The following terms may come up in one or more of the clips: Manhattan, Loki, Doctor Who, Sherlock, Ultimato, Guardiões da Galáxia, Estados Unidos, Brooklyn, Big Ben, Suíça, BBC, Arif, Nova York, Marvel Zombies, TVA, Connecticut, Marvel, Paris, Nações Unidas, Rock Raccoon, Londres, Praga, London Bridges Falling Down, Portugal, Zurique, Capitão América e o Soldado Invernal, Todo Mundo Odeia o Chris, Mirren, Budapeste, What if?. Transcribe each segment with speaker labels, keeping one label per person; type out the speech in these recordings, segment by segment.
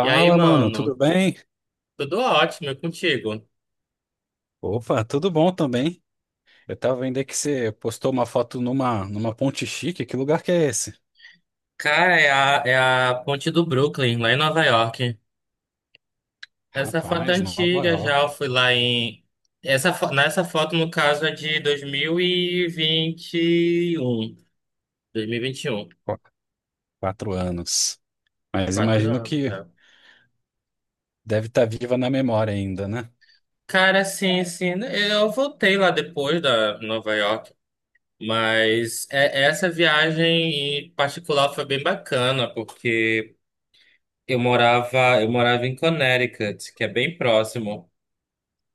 Speaker 1: E aí,
Speaker 2: mano, tudo
Speaker 1: mano?
Speaker 2: bem?
Speaker 1: Tudo ótimo, e contigo?
Speaker 2: Opa, tudo bom também. Eu tava vendo aí que você postou uma foto numa ponte chique. Que lugar que é esse?
Speaker 1: Cara, é a ponte do Brooklyn, lá em Nova York. Essa foto é
Speaker 2: Rapaz, Nova
Speaker 1: antiga
Speaker 2: York.
Speaker 1: já, eu fui lá em. Nessa foto, no caso, é de dois mil e vinte e um. Dois mil e vinte vinte um e um
Speaker 2: Qu- Quatro anos. Mas
Speaker 1: Quatro
Speaker 2: imagino
Speaker 1: anos
Speaker 2: que
Speaker 1: já.
Speaker 2: deve estar viva na memória ainda, né?
Speaker 1: Cara, sim, sim, eu voltei lá depois da Nova York, mas essa viagem em particular foi bem bacana, porque eu morava em Connecticut, que é bem próximo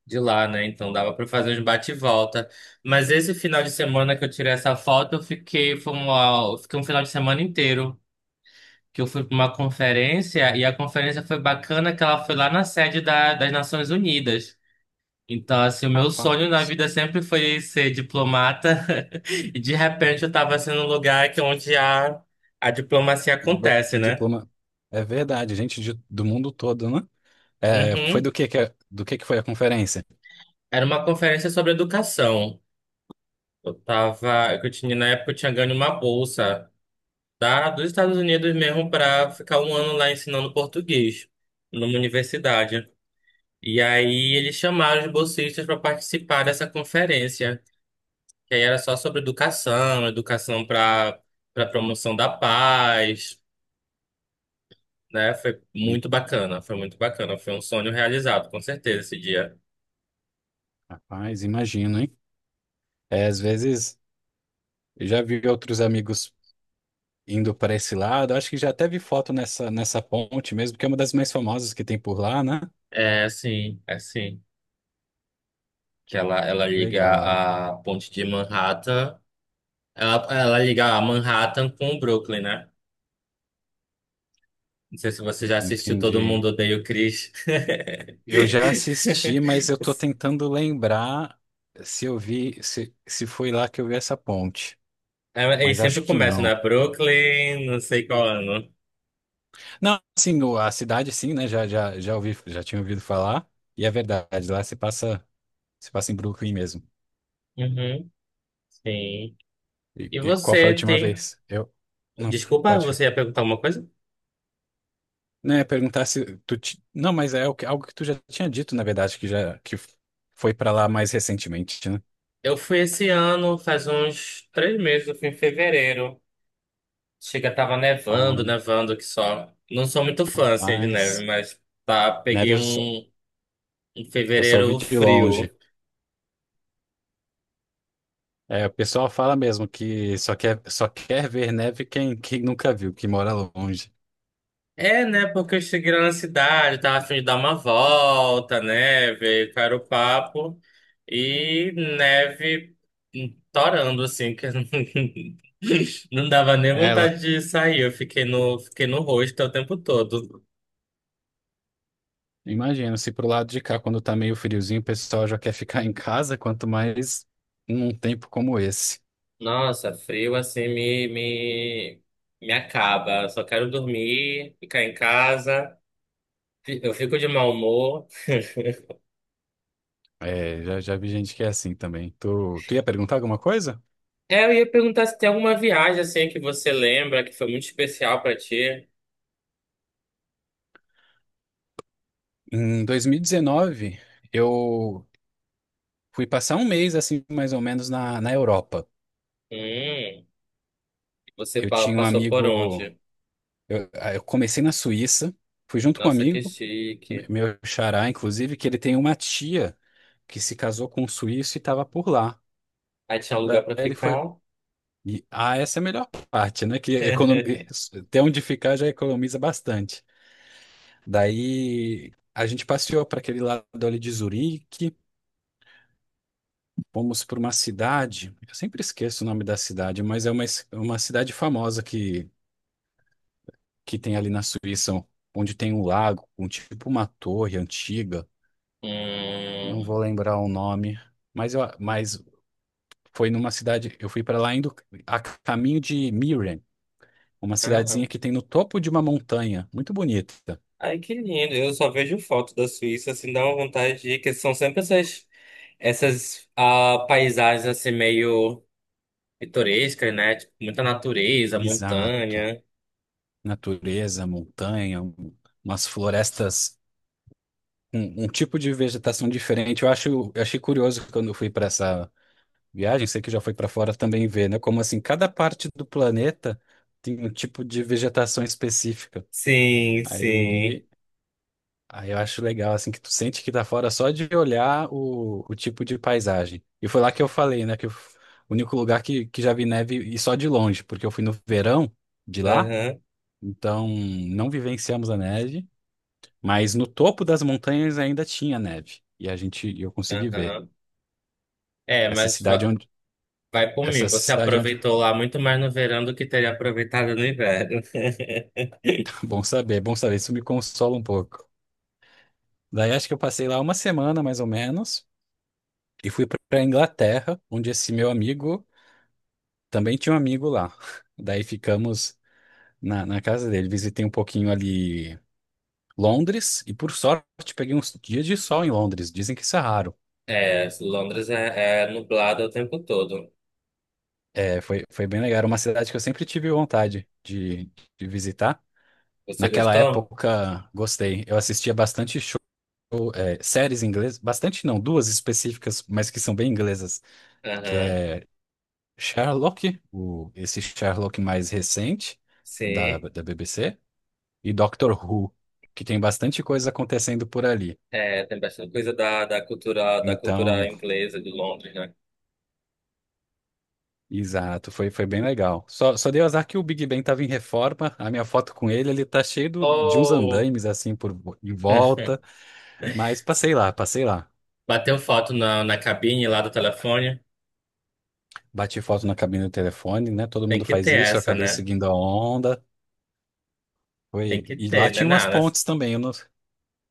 Speaker 1: de lá, né? Então dava para fazer uns bate e volta. Mas esse final de semana que eu tirei essa foto, eu fiquei um final de semana inteiro. Que eu fui para uma conferência e a conferência foi bacana, que ela foi lá na sede das Nações Unidas. Então, assim, o meu sonho na
Speaker 2: Rapaz,
Speaker 1: vida sempre foi ser diplomata. E de repente eu estava assim num lugar que é onde a diplomacia acontece, né?
Speaker 2: diploma. É verdade, gente do mundo todo, né? É, foi
Speaker 1: Uhum.
Speaker 2: do que foi a conferência?
Speaker 1: Era uma conferência sobre educação. Eu tava, que eu tinha, na época eu tinha ganho uma bolsa dos Estados Unidos mesmo para ficar um ano lá ensinando português numa universidade. E aí eles chamaram os bolsistas para participar dessa conferência, que aí era só sobre educação, educação para promoção da paz, né? Foi
Speaker 2: Hum,
Speaker 1: muito bacana, foi muito bacana, foi um sonho realizado, com certeza esse dia.
Speaker 2: Rapaz, imagino, hein? É, às vezes eu já vi outros amigos indo para esse lado. Acho que já até vi foto nessa ponte mesmo, que é uma das mais famosas que tem por lá, né?
Speaker 1: É, sim, é sim. Que ela liga
Speaker 2: Legal,
Speaker 1: a ponte de Manhattan, ela liga a Manhattan com o Brooklyn, né? Não sei se você já assistiu Todo
Speaker 2: entendi.
Speaker 1: Mundo Odeia o Chris.
Speaker 2: Eu já assisti, mas eu tô tentando lembrar se eu vi, se foi lá que eu vi essa ponte.
Speaker 1: É,
Speaker 2: Mas
Speaker 1: eles sempre
Speaker 2: acho que
Speaker 1: começam na
Speaker 2: não.
Speaker 1: Brooklyn, não sei qual ano.
Speaker 2: Não, assim, a cidade sim, né? Já ouvi, já tinha ouvido falar. E é verdade, lá se passa, se passa em Brooklyn mesmo.
Speaker 1: Uhum, sim.
Speaker 2: E,
Speaker 1: E
Speaker 2: e qual foi a
Speaker 1: você
Speaker 2: última
Speaker 1: tem.
Speaker 2: vez? Eu. Não,
Speaker 1: Desculpa,
Speaker 2: pode.
Speaker 1: você ia perguntar uma coisa?
Speaker 2: Né, perguntar se Não, mas é algo que tu já tinha dito, na verdade, que já que foi pra lá mais recentemente, né?
Speaker 1: Eu fui esse ano, faz uns 3 meses, eu fui em fevereiro. Chega, tava nevando,
Speaker 2: Oh,
Speaker 1: nevando que só. Não sou muito fã, assim, de neve,
Speaker 2: mas
Speaker 1: mas tá,
Speaker 2: neve
Speaker 1: peguei
Speaker 2: eu só,
Speaker 1: um
Speaker 2: eu só vi
Speaker 1: fevereiro
Speaker 2: de
Speaker 1: frio.
Speaker 2: longe. É, o pessoal fala mesmo que só quer ver neve quem nunca viu, que mora longe.
Speaker 1: É, né? Porque cheguei na cidade, tava a fim de dar uma volta, né? Ver qual era o papo. E neve torando, assim, que eu não não dava nem
Speaker 2: Ela,
Speaker 1: vontade de sair. Eu fiquei no rosto o tempo todo.
Speaker 2: Imagina, se pro lado de cá, quando tá meio friozinho, o pessoal já quer ficar em casa, quanto mais num tempo como esse.
Speaker 1: Nossa, frio assim me acaba. Eu só quero dormir, ficar em casa. Eu fico de mau humor.
Speaker 2: É, já vi gente que é assim também. Tu ia perguntar alguma coisa?
Speaker 1: É, eu ia perguntar se tem alguma viagem assim que você lembra que foi muito especial pra ti.
Speaker 2: Em 2019, eu fui passar um mês, assim, mais ou menos, na Europa.
Speaker 1: Hum. Você
Speaker 2: Eu tinha um
Speaker 1: passou por
Speaker 2: amigo.
Speaker 1: onde?
Speaker 2: Eu comecei na Suíça, fui junto com um
Speaker 1: Nossa, que
Speaker 2: amigo, me-
Speaker 1: chique.
Speaker 2: meu xará, inclusive, que ele tem uma tia que se casou com um suíço e estava por lá.
Speaker 1: Aí tinha lugar
Speaker 2: Daí
Speaker 1: pra
Speaker 2: ele foi.
Speaker 1: ficar?
Speaker 2: E, essa é a melhor parte, né? Ter onde ficar já economiza bastante. Daí a gente passeou para aquele lado ali de Zurique. Fomos para uma cidade, eu sempre esqueço o nome da cidade, mas é uma cidade famosa que tem ali na Suíça, onde tem um lago, um tipo uma torre antiga. Não vou
Speaker 1: Hum.
Speaker 2: lembrar o nome, mas foi numa cidade. Eu fui para lá indo a caminho de Mirren, uma
Speaker 1: Ah,
Speaker 2: cidadezinha que tem no topo de uma montanha, muito bonita.
Speaker 1: ai, que lindo. Eu só vejo foto da Suíça, assim, dá uma vontade de ir, que são sempre essas, paisagens, assim, meio pitorescas, né? Tipo, muita natureza,
Speaker 2: Exato.
Speaker 1: montanha.
Speaker 2: Natureza, montanha, umas florestas, um tipo de vegetação diferente. Eu achei curioso quando eu fui para essa viagem, sei que já foi para fora também ver, né? Como assim, cada parte do planeta tem um tipo de vegetação específica.
Speaker 1: Sim, sim.
Speaker 2: Aí, aí eu acho legal, assim, que tu sente que tá fora só de olhar o tipo de paisagem. E foi lá que eu falei, né? O único lugar que já vi neve e só de longe, porque eu fui no verão de lá,
Speaker 1: Aham,
Speaker 2: então não vivenciamos a neve, mas no topo das montanhas ainda tinha neve. Eu consegui ver.
Speaker 1: aham. É,
Speaker 2: Essa
Speaker 1: mas
Speaker 2: cidade onde,
Speaker 1: vai por mim.
Speaker 2: essa
Speaker 1: Você
Speaker 2: cidade onde
Speaker 1: aproveitou lá muito mais no verão do que teria aproveitado no inverno.
Speaker 2: Bom saber, bom saber. Isso me consola um pouco. Daí acho que eu passei lá uma semana, mais ou menos, e fui para Inglaterra, onde esse meu amigo também tinha um amigo lá. Daí ficamos na casa dele. Visitei um pouquinho ali Londres, e por sorte peguei uns dias de sol em Londres. Dizem que isso é raro.
Speaker 1: É, Londres é, é nublado o tempo todo.
Speaker 2: É, foi bem legal. Era uma cidade que eu sempre tive vontade de visitar.
Speaker 1: Você
Speaker 2: Naquela
Speaker 1: gostou?
Speaker 2: época, gostei. Eu assistia bastante show, é, séries inglesas, bastante não, duas específicas, mas que são bem inglesas que
Speaker 1: Aham,
Speaker 2: é Sherlock, esse Sherlock mais recente da,
Speaker 1: sim.
Speaker 2: da BBC, e Doctor Who, que tem bastante coisa acontecendo por ali.
Speaker 1: É, tem bastante coisa da cultura
Speaker 2: Então,
Speaker 1: inglesa de Londres, né?
Speaker 2: exato, foi bem legal. Só deu azar que o Big Ben tava em reforma, a minha foto com ele, tá cheio de uns
Speaker 1: Oh!
Speaker 2: andaimes assim em volta, mas passei lá, passei lá.
Speaker 1: Bateu foto na cabine lá do telefone?
Speaker 2: Bati foto na cabine do telefone, né? Todo
Speaker 1: Tem
Speaker 2: mundo
Speaker 1: que ter
Speaker 2: faz isso, eu
Speaker 1: essa,
Speaker 2: acabei
Speaker 1: né?
Speaker 2: seguindo a onda.
Speaker 1: Tem
Speaker 2: Foi,
Speaker 1: que
Speaker 2: e lá
Speaker 1: ter, né?
Speaker 2: tinha umas
Speaker 1: Nada.
Speaker 2: pontes também, eu não.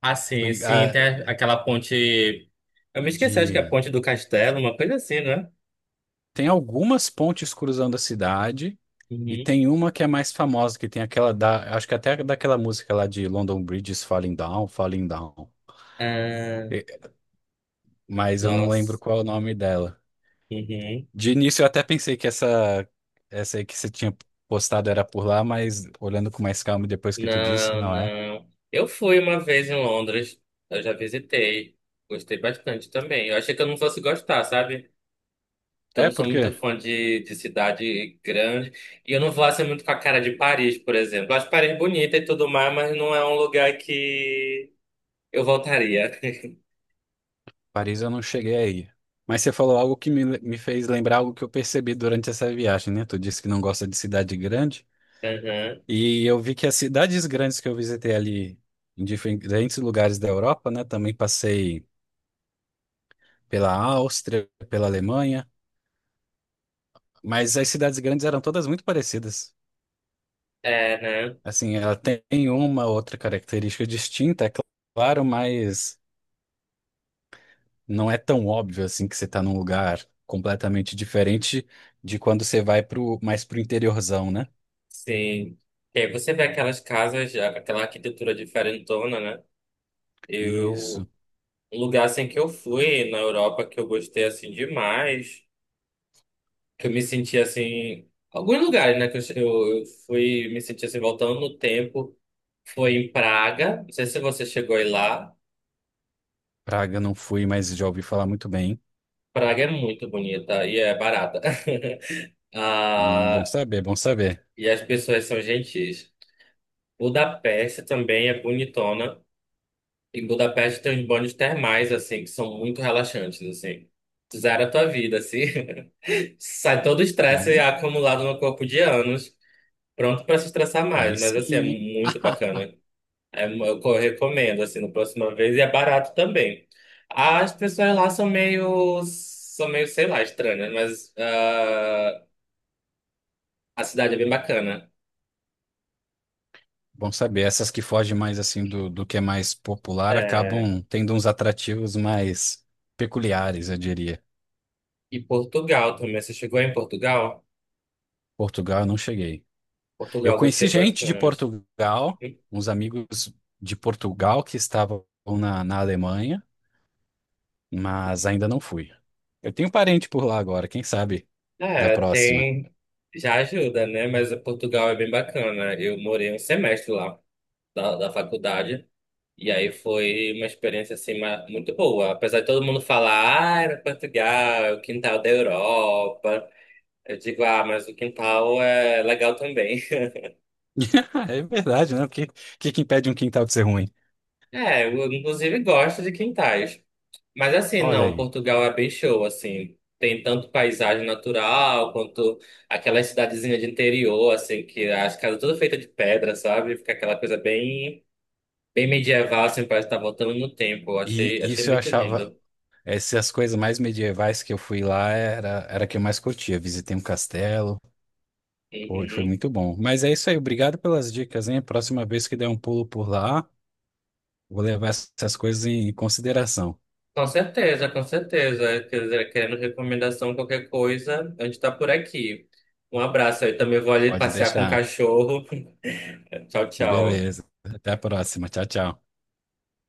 Speaker 1: Assim,
Speaker 2: e,
Speaker 1: sim,
Speaker 2: ah,
Speaker 1: tem aquela ponte. Eu me esqueci, acho que é a
Speaker 2: de
Speaker 1: ponte do castelo, uma coisa assim, né?
Speaker 2: Tem algumas pontes cruzando a cidade e
Speaker 1: Uhum.
Speaker 2: tem uma que é mais famosa, que tem aquela da, acho que até daquela música lá de London Bridges Falling Down, Falling Down.
Speaker 1: Ah,
Speaker 2: E- Mas eu não
Speaker 1: nossa.
Speaker 2: lembro qual é o nome dela.
Speaker 1: Uhum.
Speaker 2: De início eu até pensei que essa aí que você tinha postado era por lá, mas olhando com mais calma depois que tu disse,
Speaker 1: Não,
Speaker 2: não é?
Speaker 1: não. Eu fui uma vez em Londres. Eu já visitei. Gostei bastante também. Eu achei que eu não fosse gostar, sabe? Então,
Speaker 2: É
Speaker 1: não sou
Speaker 2: porque
Speaker 1: muito fã de cidade grande. E eu não vou assim muito com a cara de Paris, por exemplo. Eu acho Paris bonita e tudo mais, mas não é um lugar que eu voltaria.
Speaker 2: Paris eu não cheguei aí. Mas você falou algo que me fez lembrar algo que eu percebi durante essa viagem, né? Tu disse que não gosta de cidade grande.
Speaker 1: Aham.
Speaker 2: E eu vi que as cidades grandes que eu visitei ali, em diferentes lugares da Europa, né? Também passei pela Áustria, pela Alemanha, mas as cidades grandes eram todas muito parecidas.
Speaker 1: É, né?
Speaker 2: Assim, ela tem uma outra característica distinta, é claro, mas não é tão óbvio assim que você está num lugar completamente diferente de quando você vai mais pro interiorzão, né?
Speaker 1: Sim. E aí você vê aquelas casas, aquela arquitetura diferentona, né? Eu,
Speaker 2: Isso.
Speaker 1: um lugar assim que eu fui na Europa que eu gostei assim demais. Que eu me senti assim, alguns lugares, né, que eu fui me sentir assim, voltando no tempo, foi em Praga, não sei se você chegou aí lá.
Speaker 2: Praga não fui, mas já ouvi falar muito bem.
Speaker 1: Praga é muito bonita e é barata.
Speaker 2: Bom
Speaker 1: Ah,
Speaker 2: saber, bom saber.
Speaker 1: e as pessoas são gentis. Budapeste também é bonitona, em Budapeste tem uns banhos termais, assim, que são muito relaxantes, assim. Zera a tua vida, assim. Sai todo o estresse
Speaker 2: Bom,
Speaker 1: acumulado no corpo de anos, pronto para se estressar
Speaker 2: aí
Speaker 1: mais, mas
Speaker 2: sim,
Speaker 1: assim, é
Speaker 2: hein?
Speaker 1: muito bacana. É, eu recomendo, assim, na próxima vez. E é barato também. As pessoas lá são meio, sei lá, estranhas, mas ah, a cidade é bem bacana.
Speaker 2: Bom saber, essas que fogem mais assim do que é mais popular
Speaker 1: É,
Speaker 2: acabam tendo uns atrativos mais peculiares, eu diria.
Speaker 1: e Portugal também. Você chegou em Portugal?
Speaker 2: Portugal eu não cheguei.
Speaker 1: Portugal,
Speaker 2: Eu
Speaker 1: eu
Speaker 2: conheci
Speaker 1: gostei
Speaker 2: gente de
Speaker 1: bastante.
Speaker 2: Portugal, uns amigos de Portugal que estavam na Alemanha, mas ainda não fui. Eu tenho parente por lá agora, quem sabe da
Speaker 1: É,
Speaker 2: próxima.
Speaker 1: tem... Já ajuda, né? Mas Portugal é bem bacana. Eu morei um semestre lá, da faculdade. E aí foi uma experiência assim muito boa. Apesar de todo mundo falar, ah, era Portugal, é o quintal da Europa. Eu digo, ah, mas o quintal é legal também.
Speaker 2: É verdade, né? O que, que impede um quintal de ser ruim?
Speaker 1: É, eu inclusive gosto de quintais. Mas assim,
Speaker 2: Olha
Speaker 1: não,
Speaker 2: aí.
Speaker 1: Portugal é bem show, assim. Tem tanto paisagem natural quanto aquela cidadezinha de interior, assim, que as casas todas feitas de pedra, sabe? Fica aquela coisa bem medieval, assim, parece estar voltando no tempo. Eu
Speaker 2: E
Speaker 1: achei
Speaker 2: isso eu
Speaker 1: muito
Speaker 2: achava.
Speaker 1: lindo.
Speaker 2: Essas coisas mais medievais que eu fui lá era que eu mais curtia. Visitei um castelo, foi
Speaker 1: Uhum.
Speaker 2: muito bom. Mas é isso aí, obrigado pelas dicas, hein? Próxima vez que der um pulo por lá, vou levar essas coisas em consideração.
Speaker 1: Com certeza, com certeza. Quer dizer, querendo recomendação, qualquer coisa, a gente tá por aqui. Um abraço aí, também vou ali
Speaker 2: Pode
Speaker 1: passear com o
Speaker 2: deixar.
Speaker 1: cachorro. Tchau, tchau.
Speaker 2: Beleza. Até a próxima. Tchau, tchau.